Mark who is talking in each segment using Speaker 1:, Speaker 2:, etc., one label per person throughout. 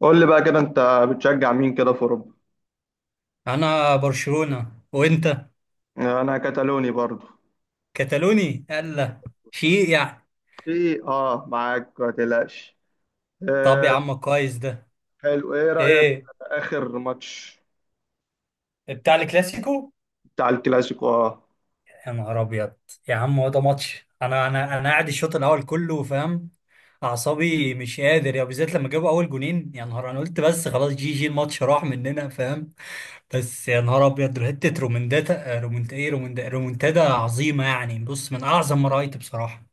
Speaker 1: قول لي بقى كده انت بتشجع مين كده في اوروبا؟
Speaker 2: انا برشلونة. وانت
Speaker 1: انا كتالوني برضو.
Speaker 2: كتالوني الا شيء يعني.
Speaker 1: ايه اه معاك ما تقلقش.
Speaker 2: طب يا
Speaker 1: آه.
Speaker 2: عم، كويس ده.
Speaker 1: حلو، ايه رايك
Speaker 2: ايه
Speaker 1: في اخر ماتش
Speaker 2: بتاع الكلاسيكو.
Speaker 1: بتاع الكلاسيكو؟ اه.
Speaker 2: يا نهار ابيض يا عم، هو ده ماتش. انا قاعد الشوط الاول كله، فاهم؟ اعصابي مش قادر يا، بالذات لما جابوا اول جونين. يا نهار، انا قلت بس خلاص، جي جي، الماتش راح مننا، فاهم؟ بس يا نهار ابيض، حته رومنداتا رومنت ايه رومندا رومنتادا عظيمه يعني. بص، من اعظم ما رايت بصراحه.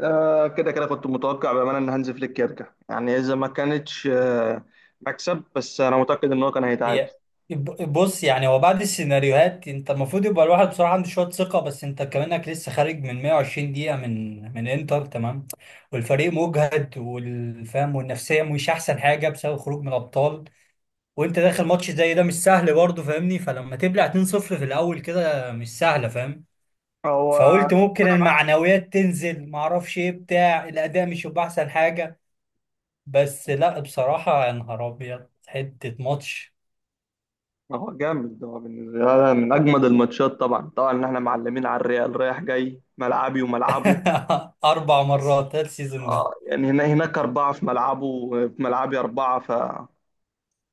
Speaker 1: آه، كده كنت متوقع بامانه ان هانز فليك يرجع، يعني اذا ما كانتش مكسب، بس انا متاكد ان هو كان هيتعادل.
Speaker 2: هي بص، يعني هو بعد السيناريوهات انت المفروض يبقى الواحد بصراحه عنده شويه ثقه. بس انت كمانك لسه خارج من 120 دقيقه من انتر، تمام؟ والفريق مجهد والفهم والنفسيه مش احسن حاجه بسبب خروج من الابطال. وانت داخل ماتش زي ده، مش سهل برضه، فاهمني؟ فلما تبلع 2-0 في الاول كده، مش سهله فاهم.
Speaker 1: هو
Speaker 2: فقلت ممكن
Speaker 1: انا معاك.
Speaker 2: المعنويات تنزل، معرفش، ايه بتاع الاداء مش يبقى احسن حاجه. بس لا بصراحه، يا نهار ابيض، حته ماتش.
Speaker 1: هو جامد، هو بالنسبه لي من اجمد الماتشات، طبعا طبعا ان احنا معلمين على الريال رايح جاي ملعبي وملعبه.
Speaker 2: اربع مرات هذا السيزون ده.
Speaker 1: اه يعني هنا هناك أربعة في ملعبه وفي ملعبي أربعة،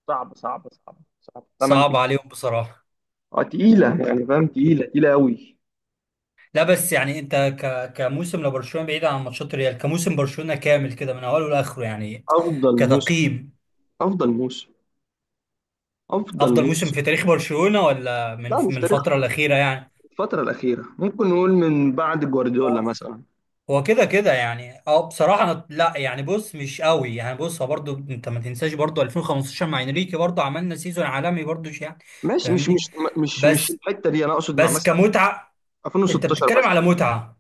Speaker 1: صعب صعب صعب صعب تمن
Speaker 2: صعب
Speaker 1: تجوان.
Speaker 2: عليهم بصراحه.
Speaker 1: اه تقيلة يعني فاهم، تقيلة تقيلة أوي.
Speaker 2: لا بس يعني انت كموسم لبرشلونه بعيد عن ماتشات ريال، كموسم برشلونه كامل كده من اوله لاخره يعني،
Speaker 1: أفضل موسم،
Speaker 2: كتقييم،
Speaker 1: أفضل موسم، أفضل
Speaker 2: افضل موسم
Speaker 1: موسم.
Speaker 2: في تاريخ برشلونه، ولا من
Speaker 1: لا مش
Speaker 2: من
Speaker 1: تاريخ.
Speaker 2: الفتره الاخيره يعني؟
Speaker 1: الفترة الأخيرة ممكن نقول من بعد جوارديولا
Speaker 2: هو
Speaker 1: مثلا.
Speaker 2: هو كده كده يعني. اه بصراحه، لا يعني بص، مش قوي يعني. بص، هو برضو انت ما تنساش برضو 2015 مع انريكي، برضو عملنا سيزون عالمي برضو يعني،
Speaker 1: ماشي، مش
Speaker 2: فاهمني؟
Speaker 1: مش مش مش
Speaker 2: بس
Speaker 1: الحتة دي، أنا أقصد مع
Speaker 2: بس
Speaker 1: مثلا
Speaker 2: كمتعه، انت
Speaker 1: 2016
Speaker 2: بتتكلم
Speaker 1: مثلا.
Speaker 2: على متعه،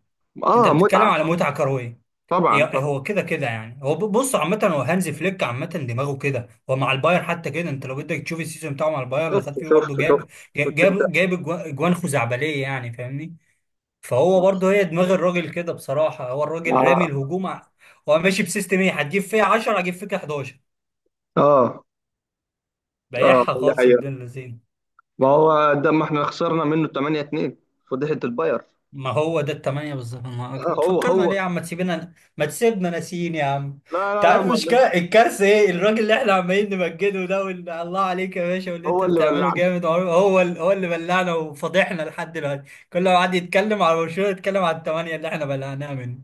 Speaker 2: انت
Speaker 1: اه
Speaker 2: بتتكلم
Speaker 1: متعة.
Speaker 2: على متعه كرويه.
Speaker 1: طبعا طبعا.
Speaker 2: هو كده كده يعني. هو بص، عامه هو هانزي فليك عامه دماغه كده. هو مع الباير حتى كده، انت لو بدك تشوف السيزون بتاعه مع الباير اللي خد
Speaker 1: شفته
Speaker 2: فيه برضه،
Speaker 1: شفته
Speaker 2: جاب
Speaker 1: شفته. كنت أنت
Speaker 2: اجوان خزعبليه يعني، فاهمني؟ فهو برضه، هي دماغ الراجل كده بصراحه، هو الراجل رامي
Speaker 1: مع.
Speaker 2: الهجوم هو ماشي بسيستم ايه، هتجيب فيها 10 هجيب فيك 11.
Speaker 1: اه اه
Speaker 2: بايعها
Speaker 1: دي
Speaker 2: خالص ابن
Speaker 1: حقيقة.
Speaker 2: اللذين.
Speaker 1: ما هو ده، ما احنا خسرنا منه 8-2، فضيحة الباير.
Speaker 2: ما هو ده التمانية بالظبط، ما
Speaker 1: هو
Speaker 2: تفكرنا
Speaker 1: هو
Speaker 2: ليه يا عم، ما تسيبنا ناسيين يا عم.
Speaker 1: لا
Speaker 2: انت
Speaker 1: لا لا،
Speaker 2: عارف،
Speaker 1: ما
Speaker 2: مش الكارثة ايه، الراجل اللي احنا عمالين نمجده ده، واللي الله عليك يا باشا واللي انت
Speaker 1: هو اللي
Speaker 2: بتعمله
Speaker 1: بلعنا.
Speaker 2: جامد، هو اللي بلعنا وفضحنا لحد دلوقتي. كل ما حد يتكلم على برشلونة، يتكلم على التمانية اللي احنا بلعناها منه.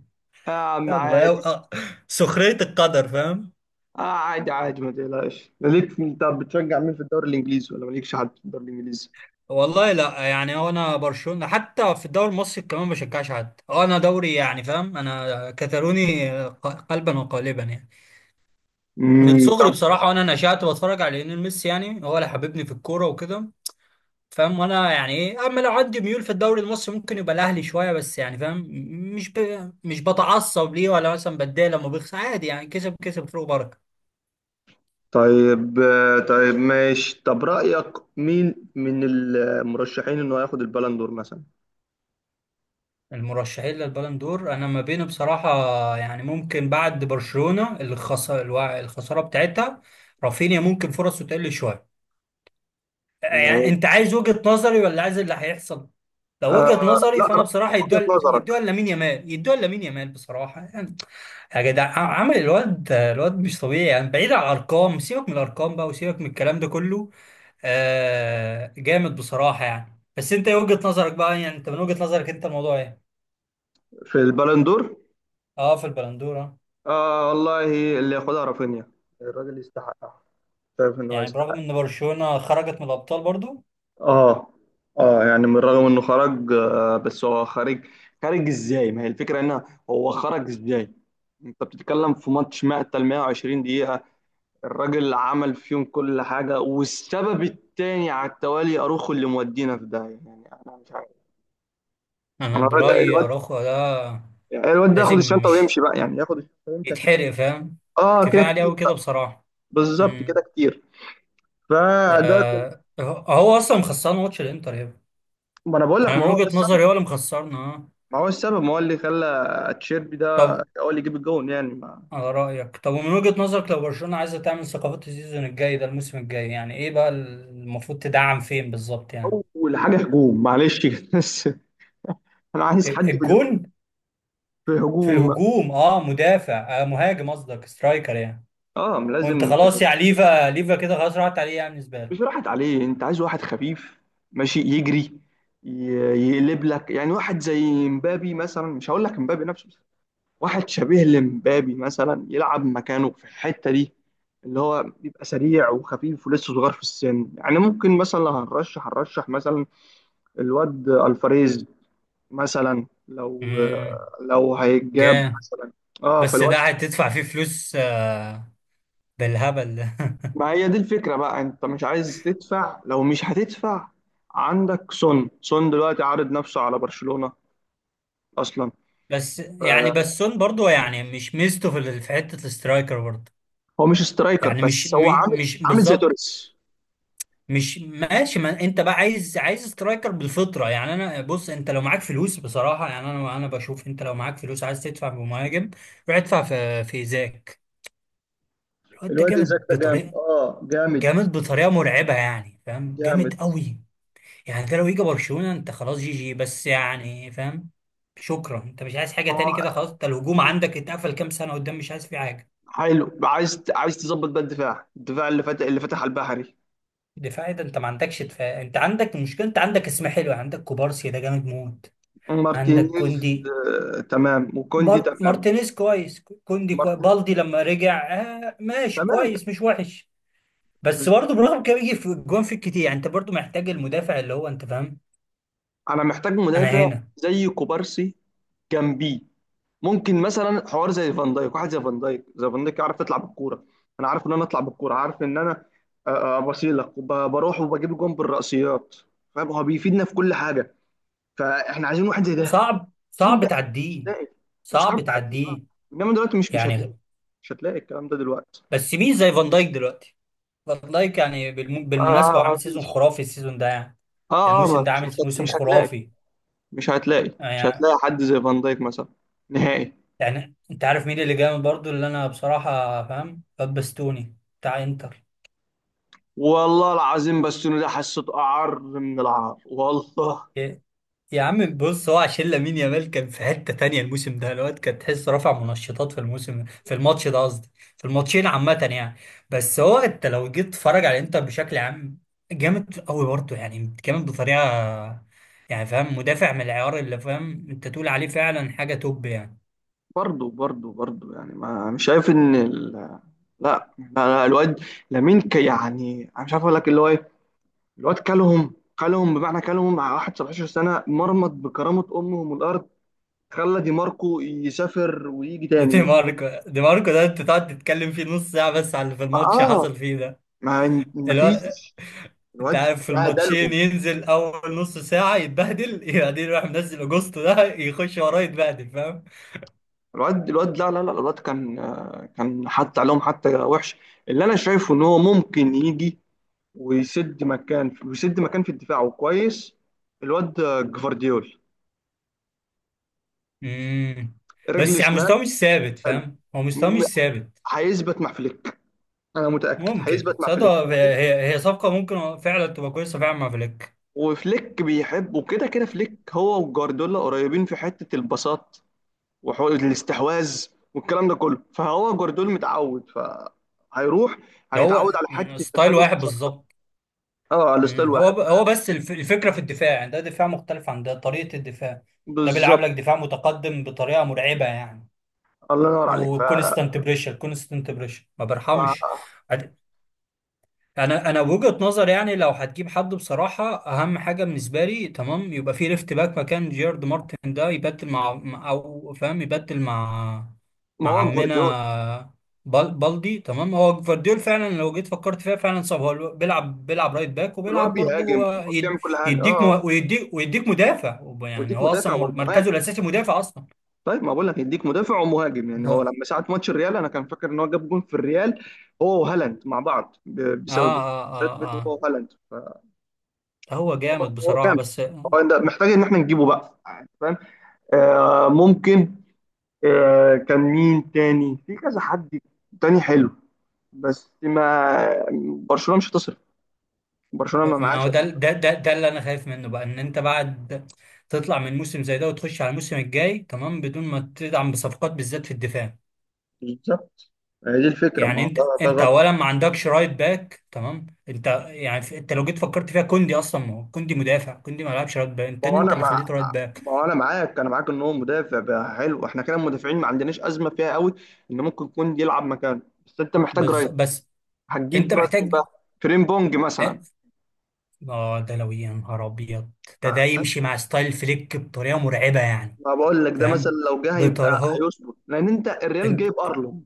Speaker 1: يا عم
Speaker 2: يلا. يا
Speaker 1: عادي.
Speaker 2: آه. سخرية القدر فاهم.
Speaker 1: آه عادي عادي، ما تقلقش. ليك انت بتشجع مين في الدوري الانجليزي، ولا مالكش حد في الدوري الانجليزي؟
Speaker 2: والله لا يعني، هو انا برشلونة، حتى في الدوري المصري كمان ما بشجعش حد. هو انا دوري يعني فاهم، انا كتالوني قلبا وقالبا يعني، من صغري
Speaker 1: طب.
Speaker 2: بصراحة. وأنا نشأت بتفرج على ليونيل ميسي، يعني هو اللي حببني في الكورة وكده، فاهم؟ وأنا يعني إيه، أما لو عندي ميول في الدوري المصري، ممكن يبقى الأهلي شوية، بس يعني فاهم، مش ب... مش بتعصب ليه، ولا مثلا بتضايق لما بيخسر، عادي يعني، كسب كسب فيه بركة.
Speaker 1: طيب طيب ماشي، طب رأيك مين من المرشحين انه هياخد البالندور مثلا؟
Speaker 2: المرشحين للبالون دور أنا ما بينه بصراحة. يعني ممكن بعد برشلونة، اللي خسر الخسارة بتاعتها، رافينيا ممكن فرصه تقل شوية. يعني انت عايز وجهة نظري ولا عايز اللي هيحصل؟ لو وجهة
Speaker 1: آه
Speaker 2: نظري،
Speaker 1: لا
Speaker 2: فانا
Speaker 1: رأ-
Speaker 2: بصراحة
Speaker 1: وجهة
Speaker 2: يدوها
Speaker 1: نظرك
Speaker 2: يدوها لامين يامال، يدوها لامين يامال بصراحة يعني. يا جدع، عمل الواد، الواد مش طبيعي يعني. بعيد عن الارقام، سيبك من الارقام بقى وسيبك من الكلام ده كله. آه جامد بصراحة يعني. بس انت ايه وجهة نظرك بقى يعني، انت من وجهة نظرك انت الموضوع ايه؟
Speaker 1: في البالندور؟
Speaker 2: اه في البلندورة.
Speaker 1: آه والله، اللي ياخدها رافينيا، الراجل يستحقها. شايف انه
Speaker 2: يعني برغم
Speaker 1: هيستحق.
Speaker 2: ان برشلونة خرجت من الابطال برضو،
Speaker 1: اه اه، يعني من رغم انه خرج بس هو خارج. خارج ازاي؟ ما هي الفكره ان هو خرج ازاي؟ انت بتتكلم في ماتش مقتل 120 دقيقه، الراجل عمل فيهم كل حاجه، والسبب التاني على التوالي اروخو اللي مودينا في ده، يعني انا مش عارف.
Speaker 2: انا
Speaker 1: انا
Speaker 2: برأيي
Speaker 1: الواد،
Speaker 2: اراخو ده
Speaker 1: الواد ده ياخد
Speaker 2: لازم
Speaker 1: الشنطه
Speaker 2: مش
Speaker 1: ويمشي بقى، يعني ياخد الشنطه ويمشي عشان
Speaker 2: يتحرق، فاهم؟
Speaker 1: اه كده
Speaker 2: كفاية عليه
Speaker 1: كتير.
Speaker 2: قوي كده بصراحة.
Speaker 1: بالظبط كده
Speaker 2: امم.
Speaker 1: كتير. فده.
Speaker 2: يا هو اصلا مخسران ماتش الانتر يا ابني.
Speaker 1: ما انا بقول لك،
Speaker 2: انا
Speaker 1: ما
Speaker 2: من
Speaker 1: هو ده
Speaker 2: وجهة
Speaker 1: السبب،
Speaker 2: نظري هو اللي مخسرنا، اه.
Speaker 1: ما هو السبب، ما هو اللي خلى تشيربي ده
Speaker 2: طب
Speaker 1: هو اللي يجيب الجون يعني.
Speaker 2: على رأيك، طب ومن وجهة نظرك لو برشلونة عايزة تعمل ثقافات السيزون الجاي ده، الموسم الجاي يعني، ايه بقى المفروض تدعم فين بالظبط يعني؟
Speaker 1: اول حاجه هجوم معلش كده. بس انا عايز حد بالهجوم،
Speaker 2: الجون،
Speaker 1: في
Speaker 2: في
Speaker 1: هجوم.
Speaker 2: الهجوم اه. مدافع، آه مهاجم قصدك، سترايكر يعني.
Speaker 1: اه
Speaker 2: وانت
Speaker 1: لازم.
Speaker 2: خلاص يعني، ليفا ليفا كده خلاص راحت عليه، يعني بالنسبة لك.
Speaker 1: مش راحت عليه، انت عايز واحد خفيف ماشي يجري، ي- يقلب لك، يعني واحد زي مبابي مثلا، مش هقول لك مبابي نفسه بس، واحد شبيه لمبابي مثلا يلعب مكانه في الحته دي، اللي هو بيبقى سريع وخفيف ولسه صغير في السن. يعني ممكن مثلا لو هنرشح مثلا الواد الفاريز مثلا، لو
Speaker 2: امم
Speaker 1: لو هيتجاب
Speaker 2: جامد.
Speaker 1: مثلا، اه
Speaker 2: بس
Speaker 1: فالواد.
Speaker 2: ده هتدفع فيه فلوس آه، بالهبل ده.
Speaker 1: ما هي دي الفكرة بقى، انت مش عايز تدفع، لو مش هتدفع عندك سون، سون دلوقتي عارض نفسه على برشلونة اصلا.
Speaker 2: بس
Speaker 1: آه،
Speaker 2: يعني بسون برضو يعني مش ميزته في في حته الاسترايكر برضو
Speaker 1: هو مش سترايكر
Speaker 2: يعني. مش
Speaker 1: بس هو عامل
Speaker 2: مش
Speaker 1: عامل زي
Speaker 2: بالظبط.
Speaker 1: توريس.
Speaker 2: مش ماشي، ما انت بقى عايز عايز سترايكر بالفطره يعني. انا بص، انت لو معاك فلوس بصراحه يعني، انا بشوف، انت لو معاك فلوس عايز تدفع بمهاجم، روح ادفع في ايزاك. لو انت
Speaker 1: الواد إيزاك
Speaker 2: جامد
Speaker 1: ده جامد،
Speaker 2: بطريقه،
Speaker 1: اه جامد،
Speaker 2: جامد بطريقه مرعبه يعني فاهم،
Speaker 1: جامد.
Speaker 2: جامد قوي يعني. انت لو يجي برشلونه، انت خلاص جي جي بس، يعني فاهم، شكرا، انت مش عايز حاجه
Speaker 1: ما هو
Speaker 2: تاني كده خلاص. انت الهجوم عندك اتقفل كام سنه قدام، مش عايز فيه حاجه.
Speaker 1: حلو، عايز تظبط بقى الدفاع، اللي فتح، على البحري.
Speaker 2: دفاعي ده، انت ما عندكش دفاع. انت عندك المشكله، انت عندك اسم حلو. عندك كوبارسي ده جامد موت، عندك
Speaker 1: مارتينيز.
Speaker 2: كوندي،
Speaker 1: آه تمام، وكوندي تمام.
Speaker 2: مارتينيز كويس، كوندي كويس،
Speaker 1: مارتين.
Speaker 2: بالدي لما رجع آه ماشي
Speaker 1: تمام.
Speaker 2: كويس مش وحش. بس برضه برغم كده بيجي في الجون في كتير يعني، انت برضه محتاج المدافع اللي هو، انت فاهم؟
Speaker 1: انا محتاج
Speaker 2: انا
Speaker 1: مدافع
Speaker 2: هنا.
Speaker 1: زي كوبارسي جنبيه، ممكن مثلا حوار زي فان دايك، واحد زي فان دايك، زي فان دايك عارف تطلع بالكوره. انا عارف ان انا اطلع بالكوره، عارف ان انا، بروح وبجيب جون بالرأسيات، فاهم، هو بيفيدنا في كل حاجه، فاحنا عايزين واحد زي ده.
Speaker 2: وصعب
Speaker 1: فين
Speaker 2: صعب
Speaker 1: بقى؟ مش
Speaker 2: تعديه،
Speaker 1: هتلاقي. وصعب
Speaker 2: صعب
Speaker 1: تعديه اه.
Speaker 2: تعديه
Speaker 1: انما دلوقتي مش هتلاقي،
Speaker 2: يعني.
Speaker 1: مش هتلاقي الكلام ده دلوقتي.
Speaker 2: بس مين زي فان دايك دلوقتي؟ فان دايك يعني
Speaker 1: اه
Speaker 2: بالمناسبه هو
Speaker 1: اه آه،
Speaker 2: عامل سيزون
Speaker 1: مفيش.
Speaker 2: خرافي السيزون ده يعني،
Speaker 1: اه اه
Speaker 2: الموسم ده
Speaker 1: مفيش،
Speaker 2: عامل موسم
Speaker 1: مش هتلاقي،
Speaker 2: خرافي يعني.
Speaker 1: حد زي فان دايك مثلا، نهائي.
Speaker 2: يعني انت عارف مين اللي جامد برضو اللي انا بصراحة، فاهم؟ بابستوني بتاع انتر.
Speaker 1: والله العظيم، بس انه ده حسيته اعر من العار والله.
Speaker 2: يا يا عم بص، هو عشان لامين يامال كان في حتة تانية الموسم ده، الواد كان تحس رافع منشطات في الموسم، في الماتش ده قصدي، في الماتشين عامة يعني. بس هو انت لو جيت تتفرج على الانتر بشكل عام، جامد قوي برضو يعني، جامد بطريقة يعني فاهم، مدافع من العيار اللي، فاهم؟ انت تقول عليه فعلا حاجة توب يعني.
Speaker 1: برضه برضه برضه يعني، ما مش شايف ان لا لا لا، الواد يعني انا مش عارف اقول لك اللي هو ايه. الواد كلهم، كلهم بمعنى كلهم، مع واحد 17 سنه مرمط بكرامه امهم الارض، خلى دي ماركو يسافر ويجي
Speaker 2: دي
Speaker 1: تاني.
Speaker 2: ماركو، دي ماركو ده انت تقعد تتكلم فيه نص ساعة بس على اللي في الماتش
Speaker 1: اه،
Speaker 2: حصل فيه
Speaker 1: ما
Speaker 2: ده.
Speaker 1: فيش،
Speaker 2: انت
Speaker 1: الواد
Speaker 2: عارف في الماتشين
Speaker 1: بهدلهم.
Speaker 2: ينزل اول نص ساعه يتبهدل، بعدين يروح منزل اجوستو ده يخش وراه يتبهدل فاهم.
Speaker 1: الواد لا لا لا، الواد كان، آه، كان حتى عليهم، حتى وحش. اللي انا شايفه ان هو ممكن يجي ويسد مكان، في الدفاع وكويس. الواد جفارديول
Speaker 2: امم. بس
Speaker 1: رجل
Speaker 2: يعني
Speaker 1: شمال.
Speaker 2: مستواه مش ثابت،
Speaker 1: حلو.
Speaker 2: فاهم، هو مستواه مش
Speaker 1: م-
Speaker 2: ثابت.
Speaker 1: هيثبت مع فليك، انا متاكد
Speaker 2: ممكن
Speaker 1: هيثبت مع
Speaker 2: صدق،
Speaker 1: فليك
Speaker 2: هي صفقه ممكن فعلا تبقى كويسه فعلا مع فليك.
Speaker 1: وفليك بيحب، وكده كده فليك هو وجوارديولا قريبين في حته البساط وحقوق الاستحواذ، والكلام ده كله، فهو جوارديولا متعود، فهيروح
Speaker 2: ده
Speaker 1: هيتعود
Speaker 2: هو
Speaker 1: على حته
Speaker 2: ستايل
Speaker 1: التسلل
Speaker 2: واحد
Speaker 1: مش اكتر.
Speaker 2: بالظبط.
Speaker 1: اه على الستايل
Speaker 2: هو
Speaker 1: واحد،
Speaker 2: هو بس الفكره في الدفاع يعني، ده دفاع مختلف عن ده، طريقه الدفاع ده بيلعب
Speaker 1: بالظبط.
Speaker 2: لك دفاع متقدم بطريقه مرعبه يعني.
Speaker 1: الله ينور عليك.
Speaker 2: وكونستانت بريشر، كونستانت بريشر ما
Speaker 1: ف...
Speaker 2: برحمش. انا وجهة نظر يعني، لو هتجيب حد بصراحه اهم حاجه بالنسبه لي تمام، يبقى في ليفت باك مكان جيرارد مارتن، ده يبدل مع او فاهم، يبدل مع
Speaker 1: ما
Speaker 2: مع
Speaker 1: هو جوارديولا،
Speaker 2: عمنا بالدي تمام. هو فارديول فعلا، لو جيت فكرت فيها فعلا صعب. هو بيلعب رايت باك
Speaker 1: الواد
Speaker 2: وبيلعب
Speaker 1: بيهاجم،
Speaker 2: برضه،
Speaker 1: الواد
Speaker 2: يد-
Speaker 1: بيعمل كل حاجه اه
Speaker 2: يديك مه- ويديك ويديك مدافع يعني،
Speaker 1: ويديك
Speaker 2: هو
Speaker 1: مدافع
Speaker 2: اصلا مركزه
Speaker 1: ومهاجم.
Speaker 2: الاساسي مدافع اصلا.
Speaker 1: طيب، ما بقول لك يديك مدافع ومهاجم، يعني هو
Speaker 2: هو،
Speaker 1: لما ساعه ماتش الريال انا كان فاكر ان هو جاب جون في الريال هو وهالاند مع بعض،
Speaker 2: اه
Speaker 1: بسبب
Speaker 2: اه اه
Speaker 1: الفرق بينه
Speaker 2: اه،
Speaker 1: هو وهالاند، فهو
Speaker 2: هو جامد
Speaker 1: هو
Speaker 2: بصراحه
Speaker 1: جامد.
Speaker 2: بس.
Speaker 1: هو ده محتاج ان احنا نجيبه بقى يعني فاهم. آه ممكن. آه كان مين تاني في كذا حد تاني حلو، بس ما برشلونه مش هتصرف، برشلونه ما
Speaker 2: ما
Speaker 1: معاش.
Speaker 2: هو ده ده اللي انا خايف منه بقى، ان انت بعد تطلع من موسم زي ده وتخش على الموسم الجاي تمام، بدون ما تدعم بصفقات بالذات في الدفاع
Speaker 1: بالظبط، هي دي الفكره، ما
Speaker 2: يعني.
Speaker 1: هو
Speaker 2: انت
Speaker 1: ده
Speaker 2: انت
Speaker 1: غلط.
Speaker 2: اولا ما عندكش رايت باك تمام، انت يعني انت لو جيت فكرت فيها كوندي اصلا، ما هو كوندي مدافع، كوندي ما لعبش رايت باك، انت
Speaker 1: ما هو انا،
Speaker 2: انت اللي خليته رايت باك.
Speaker 1: ما هو انا معاك، انا معاك ان هو مدافع بقى، حلو احنا كده المدافعين ما عندناش ازمه فيها قوي، ان ممكن يكون يلعب مكانه، بس انت محتاج رايت.
Speaker 2: بس انت
Speaker 1: هتجيب رايت مين
Speaker 2: محتاج
Speaker 1: بقى، فريم بونج مثلا؟
Speaker 2: اه. آه، ده لو يا نهار ابيض،
Speaker 1: ف-
Speaker 2: ده يمشي مع ستايل فليك بطريقه مرعبه يعني
Speaker 1: ما بقول لك، ده مثلا
Speaker 2: فاهم،
Speaker 1: لو جه هيبقى
Speaker 2: بطريقه.
Speaker 1: هيظبط، لان انت الريال جايب ارنولد،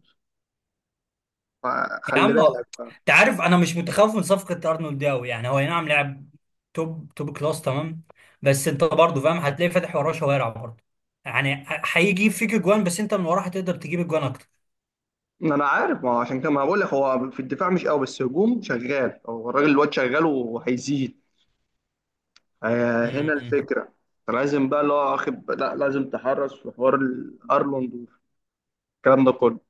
Speaker 2: يا
Speaker 1: فخلي
Speaker 2: عم
Speaker 1: بالك بقى.
Speaker 2: انت عارف انا مش متخوف من صفقه ارنولد دي قوي يعني. هو أي نعم لاعب توب توب كلاس تمام، بس انت برضه فاهم هتلاقي فاتح وراه شوارع برضه يعني، هيجيب فيك اجوان بس انت من وراه هتقدر تجيب اجوان اكتر.
Speaker 1: ما انا عارف، ما هو عشان كده ما بقول لك، هو في الدفاع مش قوي، بس هجوم شغال، هو الراجل الواد شغال وهيزيد. آه، هنا
Speaker 2: امم.
Speaker 1: الفكره، لازم بقى اللي هو واخد، لا لازم تحرص في حوار الارنولد والكلام ده كله،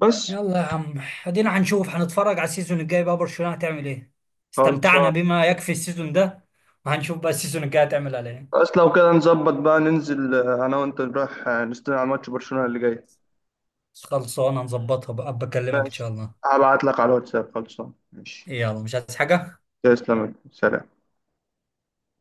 Speaker 1: بس.
Speaker 2: يلا يا عم، ادينا هنشوف، هنتفرج على السيزون الجاي بقى برشلونه هتعمل ايه. استمتعنا
Speaker 1: خلصان.
Speaker 2: بما يكفي السيزون ده، وهنشوف بقى السيزون الجاي هتعمل على ايه.
Speaker 1: بس لو كده نظبط بقى ننزل، انا وانت نروح نستنى على ماتش برشلونة اللي جاي.
Speaker 2: خلصانه نظبطها بقى، بكلمك ان
Speaker 1: ماشي،
Speaker 2: شاء الله.
Speaker 1: هبعت لك على الواتساب، خلصان، ماشي.
Speaker 2: يلا مش عايز حاجه.
Speaker 1: تسلم، سلام.